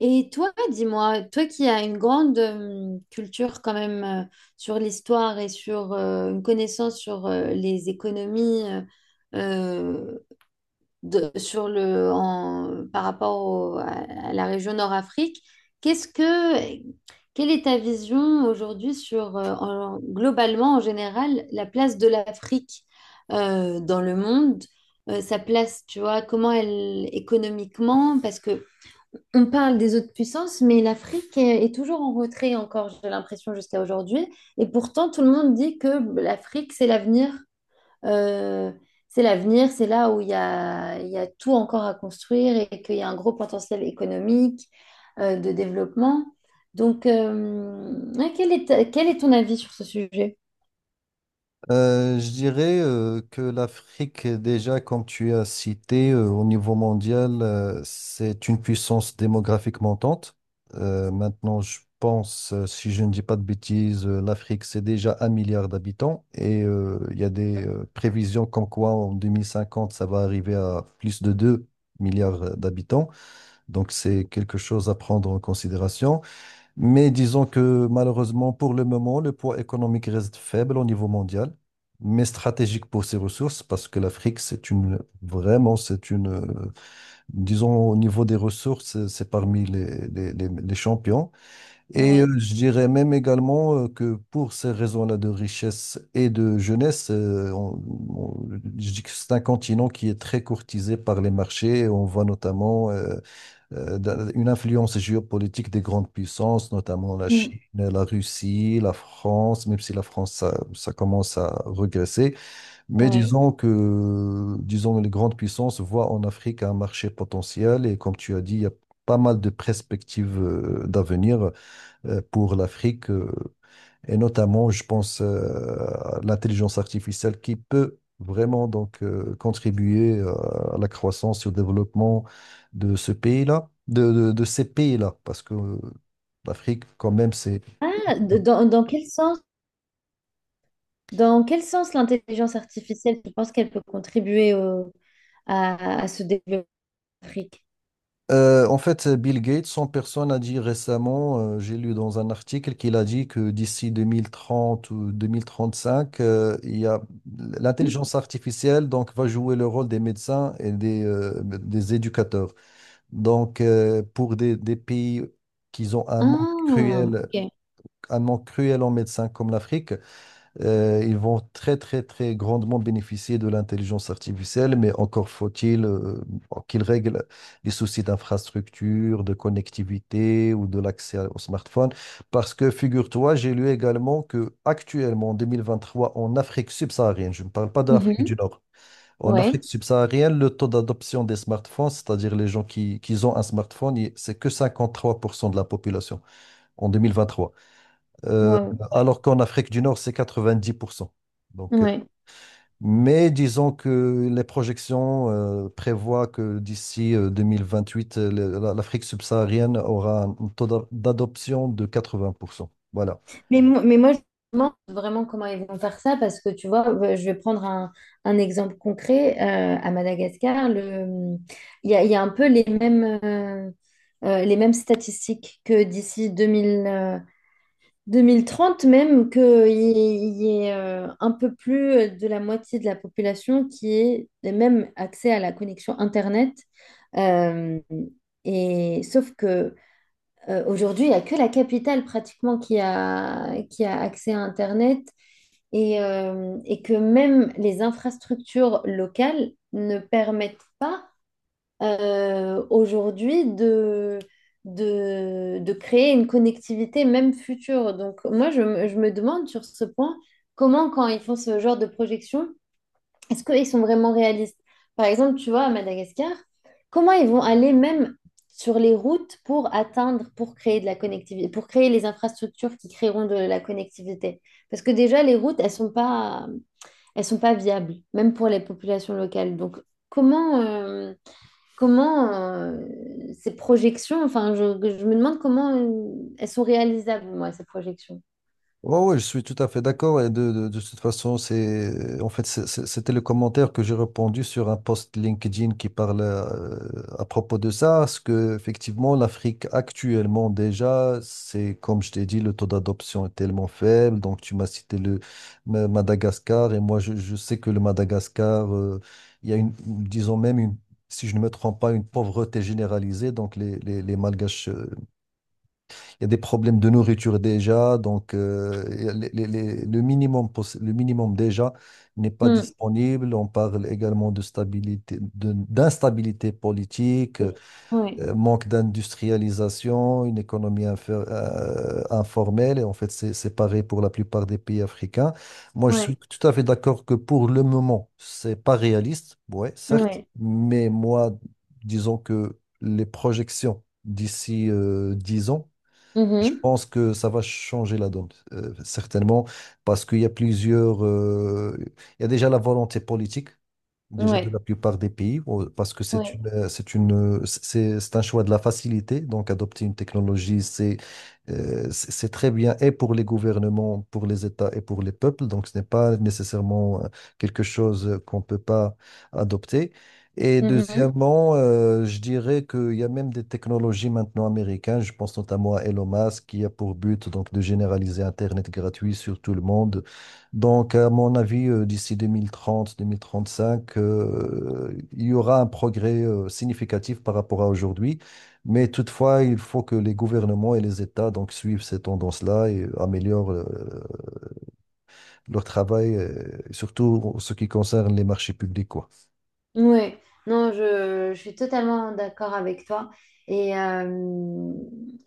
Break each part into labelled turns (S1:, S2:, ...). S1: Et toi, dis-moi, toi qui as une grande culture quand même sur l'histoire et sur une connaissance sur les économies euh, sur par à la région Nord-Afrique, qu'est-ce que, quelle est ta vision aujourd'hui sur globalement en général la place de l'Afrique dans le monde? Sa place, tu vois, comment elle économiquement, parce que on parle des autres puissances, mais est toujours en retrait encore, j'ai l'impression, jusqu'à aujourd'hui. Et pourtant, tout le monde dit que l'Afrique, c'est l'avenir. Euh, c'est l'avenir, c'est là où il y a tout encore à construire et qu'il y a un gros potentiel économique, de développement. Donc, ouais, quel est ton avis sur ce sujet?
S2: Je dirais que l'Afrique, déjà, comme tu as cité, au niveau mondial, c'est une puissance démographique montante. Maintenant, je pense, si je ne dis pas de bêtises, l'Afrique, c'est déjà un milliard d'habitants et il y a des prévisions comme quoi en 2050, ça va arriver à plus de 2 milliards d'habitants. Donc, c'est quelque chose à prendre en considération. Mais disons que malheureusement, pour le moment, le poids économique reste faible au niveau mondial, mais stratégique pour ses ressources, parce que l'Afrique, c'est une, vraiment, c'est une, disons, au niveau des ressources, c'est parmi les champions. Et
S1: Oui.
S2: je dirais même également que pour ces raisons-là de richesse et de jeunesse, on- je dis que c'est un continent qui est très courtisé par les marchés. On voit notamment une influence géopolitique des grandes puissances, notamment la Chine,
S1: Mm.
S2: la Russie, la France, même si la France, ça commence à regresser. Mais
S1: Oui.
S2: disons que, les grandes puissances voient en Afrique un marché potentiel et comme tu as dit, il y a pas mal de perspectives d'avenir pour l'Afrique, et notamment, je pense, à l'intelligence artificielle qui peut vraiment donc contribuer à la croissance et au développement de ce pays-là, de ces pays-là, parce que l'Afrique, quand même, c'est...
S1: Ah, de- dans, dans quel sens, dans quel sens l'intelligence artificielle, tu penses qu'elle peut contribuer à ce développement? Afrique.
S2: En fait, Bill Gates, son personne a dit récemment, j'ai lu dans un article qu'il a dit que d'ici 2030 ou 2035, il y a l'intelligence artificielle donc va jouer le rôle des médecins et des éducateurs. Donc, pour des pays qui ont un manque
S1: Ah,
S2: cruel,
S1: ok.
S2: un manque cruel en médecins comme l'Afrique, ils vont très, très, très grandement bénéficier de l'intelligence artificielle, mais encore faut-il qu'ils règlent les soucis d'infrastructure, de connectivité ou de l'accès au smartphone. Parce que, figure-toi, j'ai lu également que actuellement, en 2023, en Afrique subsaharienne, je ne parle pas de l'Afrique
S1: Mhm.
S2: du Nord, en
S1: Ouais,
S2: Afrique subsaharienne, le taux d'adoption des smartphones, c'est-à-dire les gens qui ont un smartphone, c'est que 53% de la population en 2023. Euh,
S1: waouh.
S2: alors qu'en Afrique du Nord, c'est 90%. Donc,
S1: Ouais.
S2: mais disons que les projections prévoient que d'ici 2028, l'Afrique subsaharienne aura un taux d'adoption de 80%. Voilà.
S1: Mais moi, je me demande vraiment comment ils vont faire ça parce que tu vois, je vais prendre un exemple concret. À Madagascar, il y a un peu les mêmes, les mêmes statistiques que d'ici 2000. 2030 même, qu'il y ait un peu plus de la moitié de la population qui ait même accès à la connexion Internet. Euh, et, sauf que aujourd'hui, il n'y a que la capitale pratiquement qui a accès à Internet et que même les infrastructures locales ne permettent pas aujourd'hui de créer une connectivité même future. Donc moi, je me demande sur ce point, comment quand ils font ce genre de projection, est-ce qu'ils sont vraiment réalistes? Par exemple, tu vois, à Madagascar, comment ils vont aller même sur les routes pour atteindre, pour créer de la connectivité, pour créer les infrastructures qui créeront de la connectivité? Parce que déjà, les routes, elles sont pas viables, même pour les populations locales. Donc, comment... comment ces projections, enfin, je me demande comment elles sont réalisables, moi, ces projections.
S2: Ouais, oui, je suis tout à fait d'accord. Et de toute façon, c'est en fait c'est- c'était le commentaire que j'ai répondu sur un post LinkedIn qui parle à propos de ça, parce que effectivement l'Afrique actuellement déjà, c'est comme je t'ai dit, le taux d'adoption est tellement faible. Donc tu m'as cité le Madagascar et moi je sais que le Madagascar, il y a une, disons même une, si je ne me trompe pas, une pauvreté généralisée. Donc les Malgaches, il y a des problèmes de nourriture déjà. Donc il y a le minimum, le minimum déjà n'est pas
S1: Mm.
S2: disponible. On parle également de stabilité, d'instabilité politique,
S1: Ouais,
S2: manque d'industrialisation, une économie informelle. Et en fait, c'est pareil pour la plupart des pays africains. Moi, je
S1: ouais,
S2: suis tout à fait d'accord que pour le moment, c'est pas réaliste, ouais, certes,
S1: ouais,
S2: mais moi, disons que les projections d'ici 10 ans, je
S1: Mhm.
S2: pense que ça va changer la donne, certainement, parce qu'il y a plusieurs. Il y a déjà la volonté politique déjà de
S1: Ouais,
S2: la plupart des pays, parce que c'est
S1: ouais,
S2: une, euh, c'est une, euh, c'est, c'est un choix de la facilité. Donc, adopter une technologie, c'est très bien et pour les gouvernements, pour les États et pour les peuples. Donc, ce n'est pas nécessairement quelque chose qu'on ne peut pas adopter. Et
S1: Mhm.
S2: deuxièmement, je dirais qu'il y a même des technologies maintenant américaines. Je pense notamment à Elon Musk qui a pour but donc de généraliser Internet gratuit sur tout le monde. Donc, à mon avis, d'ici 2030, 2035, il y aura un progrès significatif par rapport à aujourd'hui. Mais toutefois, il faut que les gouvernements et les États donc, suivent ces tendances-là et améliorent leur travail, surtout en ce qui concerne les marchés publics, quoi.
S1: Ouais. Non, je suis totalement d'accord avec toi. Et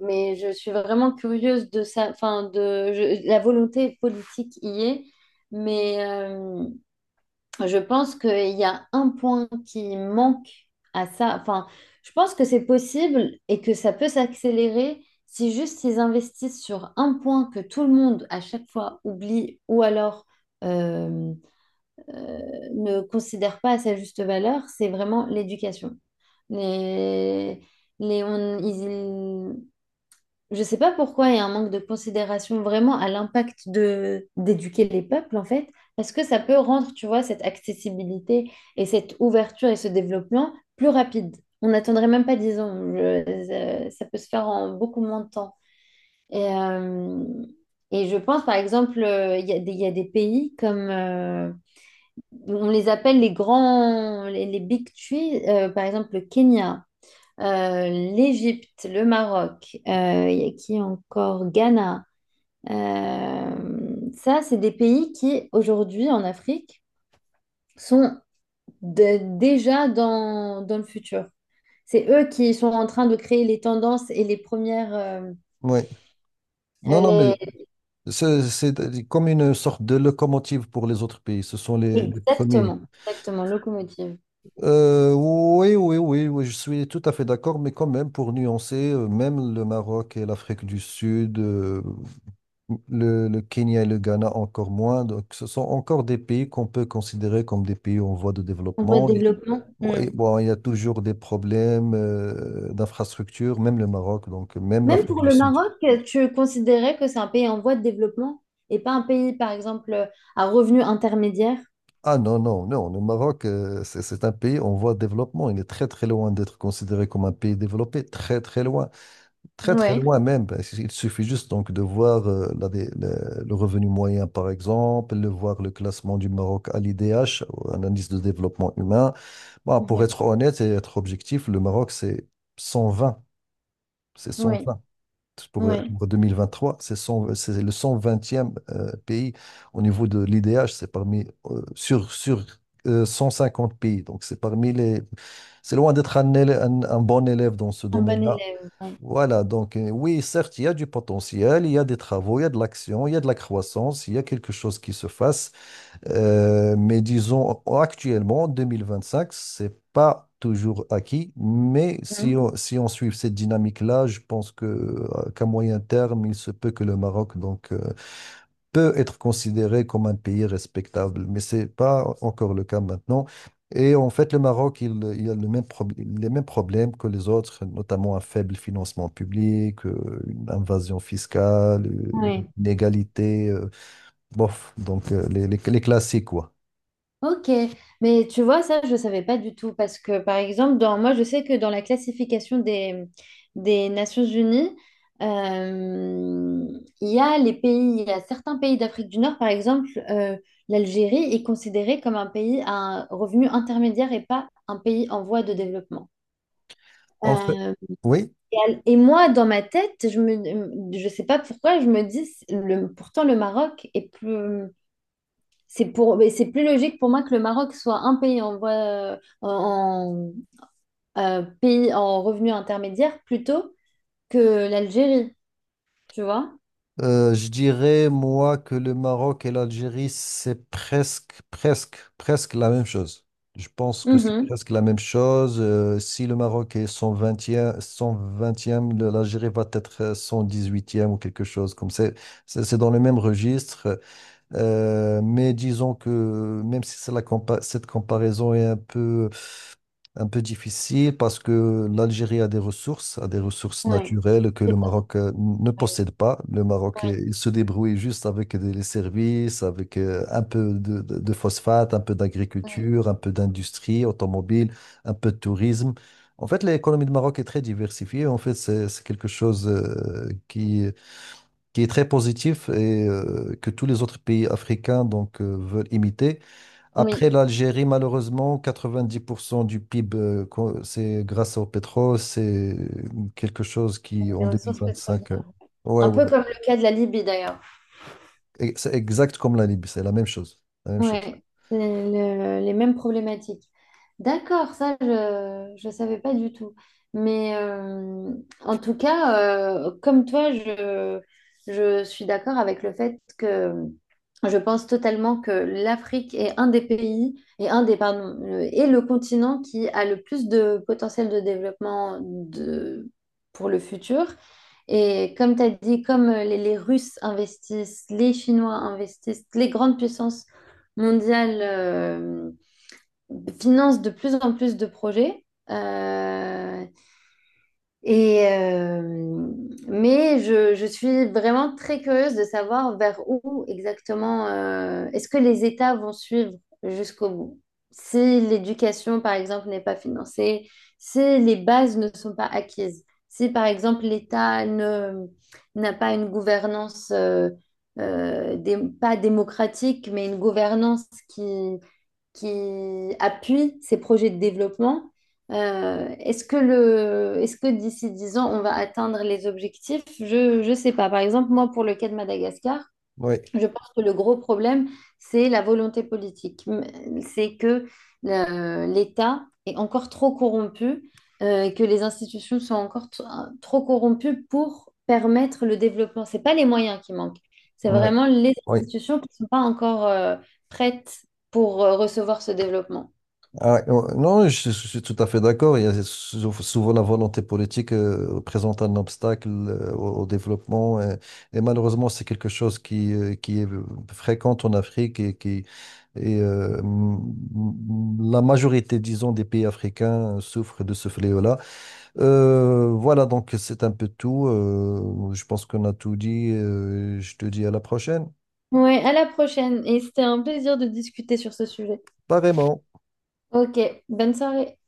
S1: mais je suis vraiment curieuse de ça. Enfin, de la volonté politique y est, mais je pense qu'il y a un point qui manque à ça. Enfin, je pense que c'est possible et que ça peut s'accélérer si juste ils investissent sur un point que tout le monde à chaque fois oublie ou alors euh, euh, ne considère pas à sa juste valeur, c'est vraiment l'éducation. Les, les, on- ils- je sais pas pourquoi il y a un manque de considération vraiment à l'impact de d'éduquer les peuples en fait, parce que ça peut rendre, tu vois, cette accessibilité et cette ouverture et ce développement plus rapide. On n'attendrait même pas 10 ans, ça peut se faire en beaucoup moins de temps. Et, euh, et je pense par exemple, il y a des pays comme, on les appelle les big three, par exemple le Kenya l'Égypte, le Maroc, il y a qui encore? Ghana. Ça, c'est des pays qui, aujourd'hui, en Afrique, sont déjà dans le futur. C'est eux qui sont en train de créer les tendances et les premières...
S2: Oui. Non, non, mais
S1: les-
S2: c'est comme une sorte de locomotive pour les autres pays. Ce sont les premiers.
S1: exactement, exactement, locomotive.
S2: Oui, oui, oui, oui, je suis tout à fait d'accord, mais quand même, pour nuancer, même le Maroc et l'Afrique du Sud, le Kenya et le Ghana encore moins, donc ce sont encore des pays qu'on peut considérer comme des pays en voie de
S1: En voie de
S2: développement.
S1: développement. Hmm.
S2: Oui, bon, il y a toujours des problèmes d'infrastructure, même le Maroc, donc même
S1: Même
S2: l'Afrique
S1: pour
S2: du
S1: le
S2: Sud.
S1: Maroc, tu considérais que c'est un pays en voie de développement et pas un pays, par exemple, à revenu intermédiaire?
S2: Ah non, non, non, le Maroc, c'est un pays en voie de développement, il est très, très loin d'être considéré comme un pays développé, très, très loin. Très, très
S1: Ouais.
S2: loin même. Il suffit juste donc de voir le revenu moyen, par exemple, de voir le classement du Maroc à l'IDH, un indice de développement humain. Bon, pour être honnête et être objectif, le Maroc, c'est 120. C'est
S1: Oui,
S2: 120. Pour, euh,
S1: oui.
S2: pour 2023, c'est le 120e pays au niveau de l'IDH. C'est sur 150 pays. Donc, c'est parmi les. C'est loin d'être un bon élève dans ce
S1: Un bon
S2: domaine-là.
S1: élève. Ouais.
S2: Voilà. Donc oui, certes, il y a du potentiel, il y a des travaux, il y a de l'action, il y a de la croissance, il y a quelque chose qui se fasse. Mais disons actuellement, en 2025, c'est pas toujours acquis, mais si
S1: Mhm.
S2: on, si on suit cette dynamique-là, je pense que qu'à moyen terme, il se peut que le Maroc donc, peut être considéré comme un pays respectable, mais c'est pas encore le cas maintenant. Et en fait, le Maroc, il a les mêmes problèmes que les autres, notamment un faible financement public, une invasion fiscale, une
S1: Ouais.
S2: inégalité, bof, donc les classiques, quoi.
S1: Ok, mais tu vois, ça, je ne savais pas du tout parce que, par exemple, dans, moi, je sais que dans la classification des Nations Unies, euh, il y a les pays, il y a certains pays d'Afrique du Nord, par exemple, l'Algérie est considérée comme un pays à un revenu intermédiaire et pas un pays en voie de développement.
S2: En fait,
S1: Euh,
S2: oui?
S1: et, et moi, dans ma tête, je sais pas pourquoi, je me dis, le, pourtant, le Maroc est plus c'est pour, mais c'est plus logique pour moi que le Maroc soit un pays en voie, pays en revenu intermédiaire plutôt que l'Algérie, tu vois?
S2: Je dirais, moi, que le Maroc et l'Algérie, c'est presque, presque, presque la même chose. Je pense que c'est
S1: Mhm.
S2: presque la même chose. Si le Maroc est 120 vingtième, l'Algérie va être 118e ou quelque chose comme ça. C'est dans le même registre. Mais disons que même si c'est cette comparaison est un peu difficile parce que l'Algérie a des ressources
S1: Oui.
S2: naturelles que le
S1: C'est-
S2: Maroc ne
S1: Oui,
S2: possède pas. Le Maroc,
S1: oui,
S2: il se débrouille juste avec les services, avec un peu de phosphate, un peu
S1: oui,
S2: d'agriculture, un peu d'industrie automobile, un peu de tourisme. En fait, l'économie du Maroc est très diversifiée. En fait, c'est quelque chose qui est très positif et que tous les autres pays africains donc, veulent imiter. Après
S1: oui,
S2: l'Algérie, malheureusement, 90% du PIB, c'est grâce au pétrole, c'est quelque chose qui,
S1: les
S2: en
S1: ressources pétrolières.
S2: 2025,
S1: Ouais.
S2: ouais,
S1: Un
S2: ouais.
S1: peu comme le cas de la Libye d'ailleurs.
S2: Et c'est exact comme la Libye, c'est la même chose, la même chose.
S1: Ouais, c'est les mêmes problématiques. D'accord, ça je savais pas du tout. Mais en tout cas, comme toi, je suis d'accord avec le fait que je pense totalement que l'Afrique est un des pays et un des pardon, et le continent qui a le plus de potentiel de développement de pour le futur. Et comme tu as dit, comme les Russes investissent, les Chinois investissent, les grandes puissances mondiale finance de plus en plus de projets. euh, et, euh, mais je suis vraiment très curieuse de savoir vers où exactement est-ce que les États vont suivre jusqu'au bout. Si l'éducation, par exemple, n'est pas financée, si les bases ne sont pas acquises, si, par exemple, l'État ne, n'a pas une gouvernance pas démocratique, mais une qui appuie ces projets de développement. Est-ce que est-ce que d'ici 10 ans, on va atteindre les objectifs? Je ne sais pas. Par exemple, moi, pour le cas de Madagascar,
S2: Oui,
S1: je pense que le gros problème, c'est la volonté politique. M- c'est que l'État est encore trop corrompu, et que les institutions sont encore trop corrompues pour permettre le développement. C'est pas les moyens qui manquent, c'est
S2: oui,
S1: vraiment les
S2: oui.
S1: institutions qui ne sont pas encore prêtes pour recevoir ce développement.
S2: Non, je suis tout à fait d'accord. Il y a souvent la volonté politique présente un obstacle au développement. Et, malheureusement, c'est quelque chose qui est fréquent en Afrique et qui et, m- m- la majorité, disons, des pays africains souffrent de ce fléau-là. Voilà, donc c'est un peu tout. Je pense qu'on a tout dit. Je te dis à la prochaine.
S1: Ouais, à la prochaine. Et c'était un plaisir de discuter sur ce sujet.
S2: Pas vraiment.
S1: Ok, bonne soirée.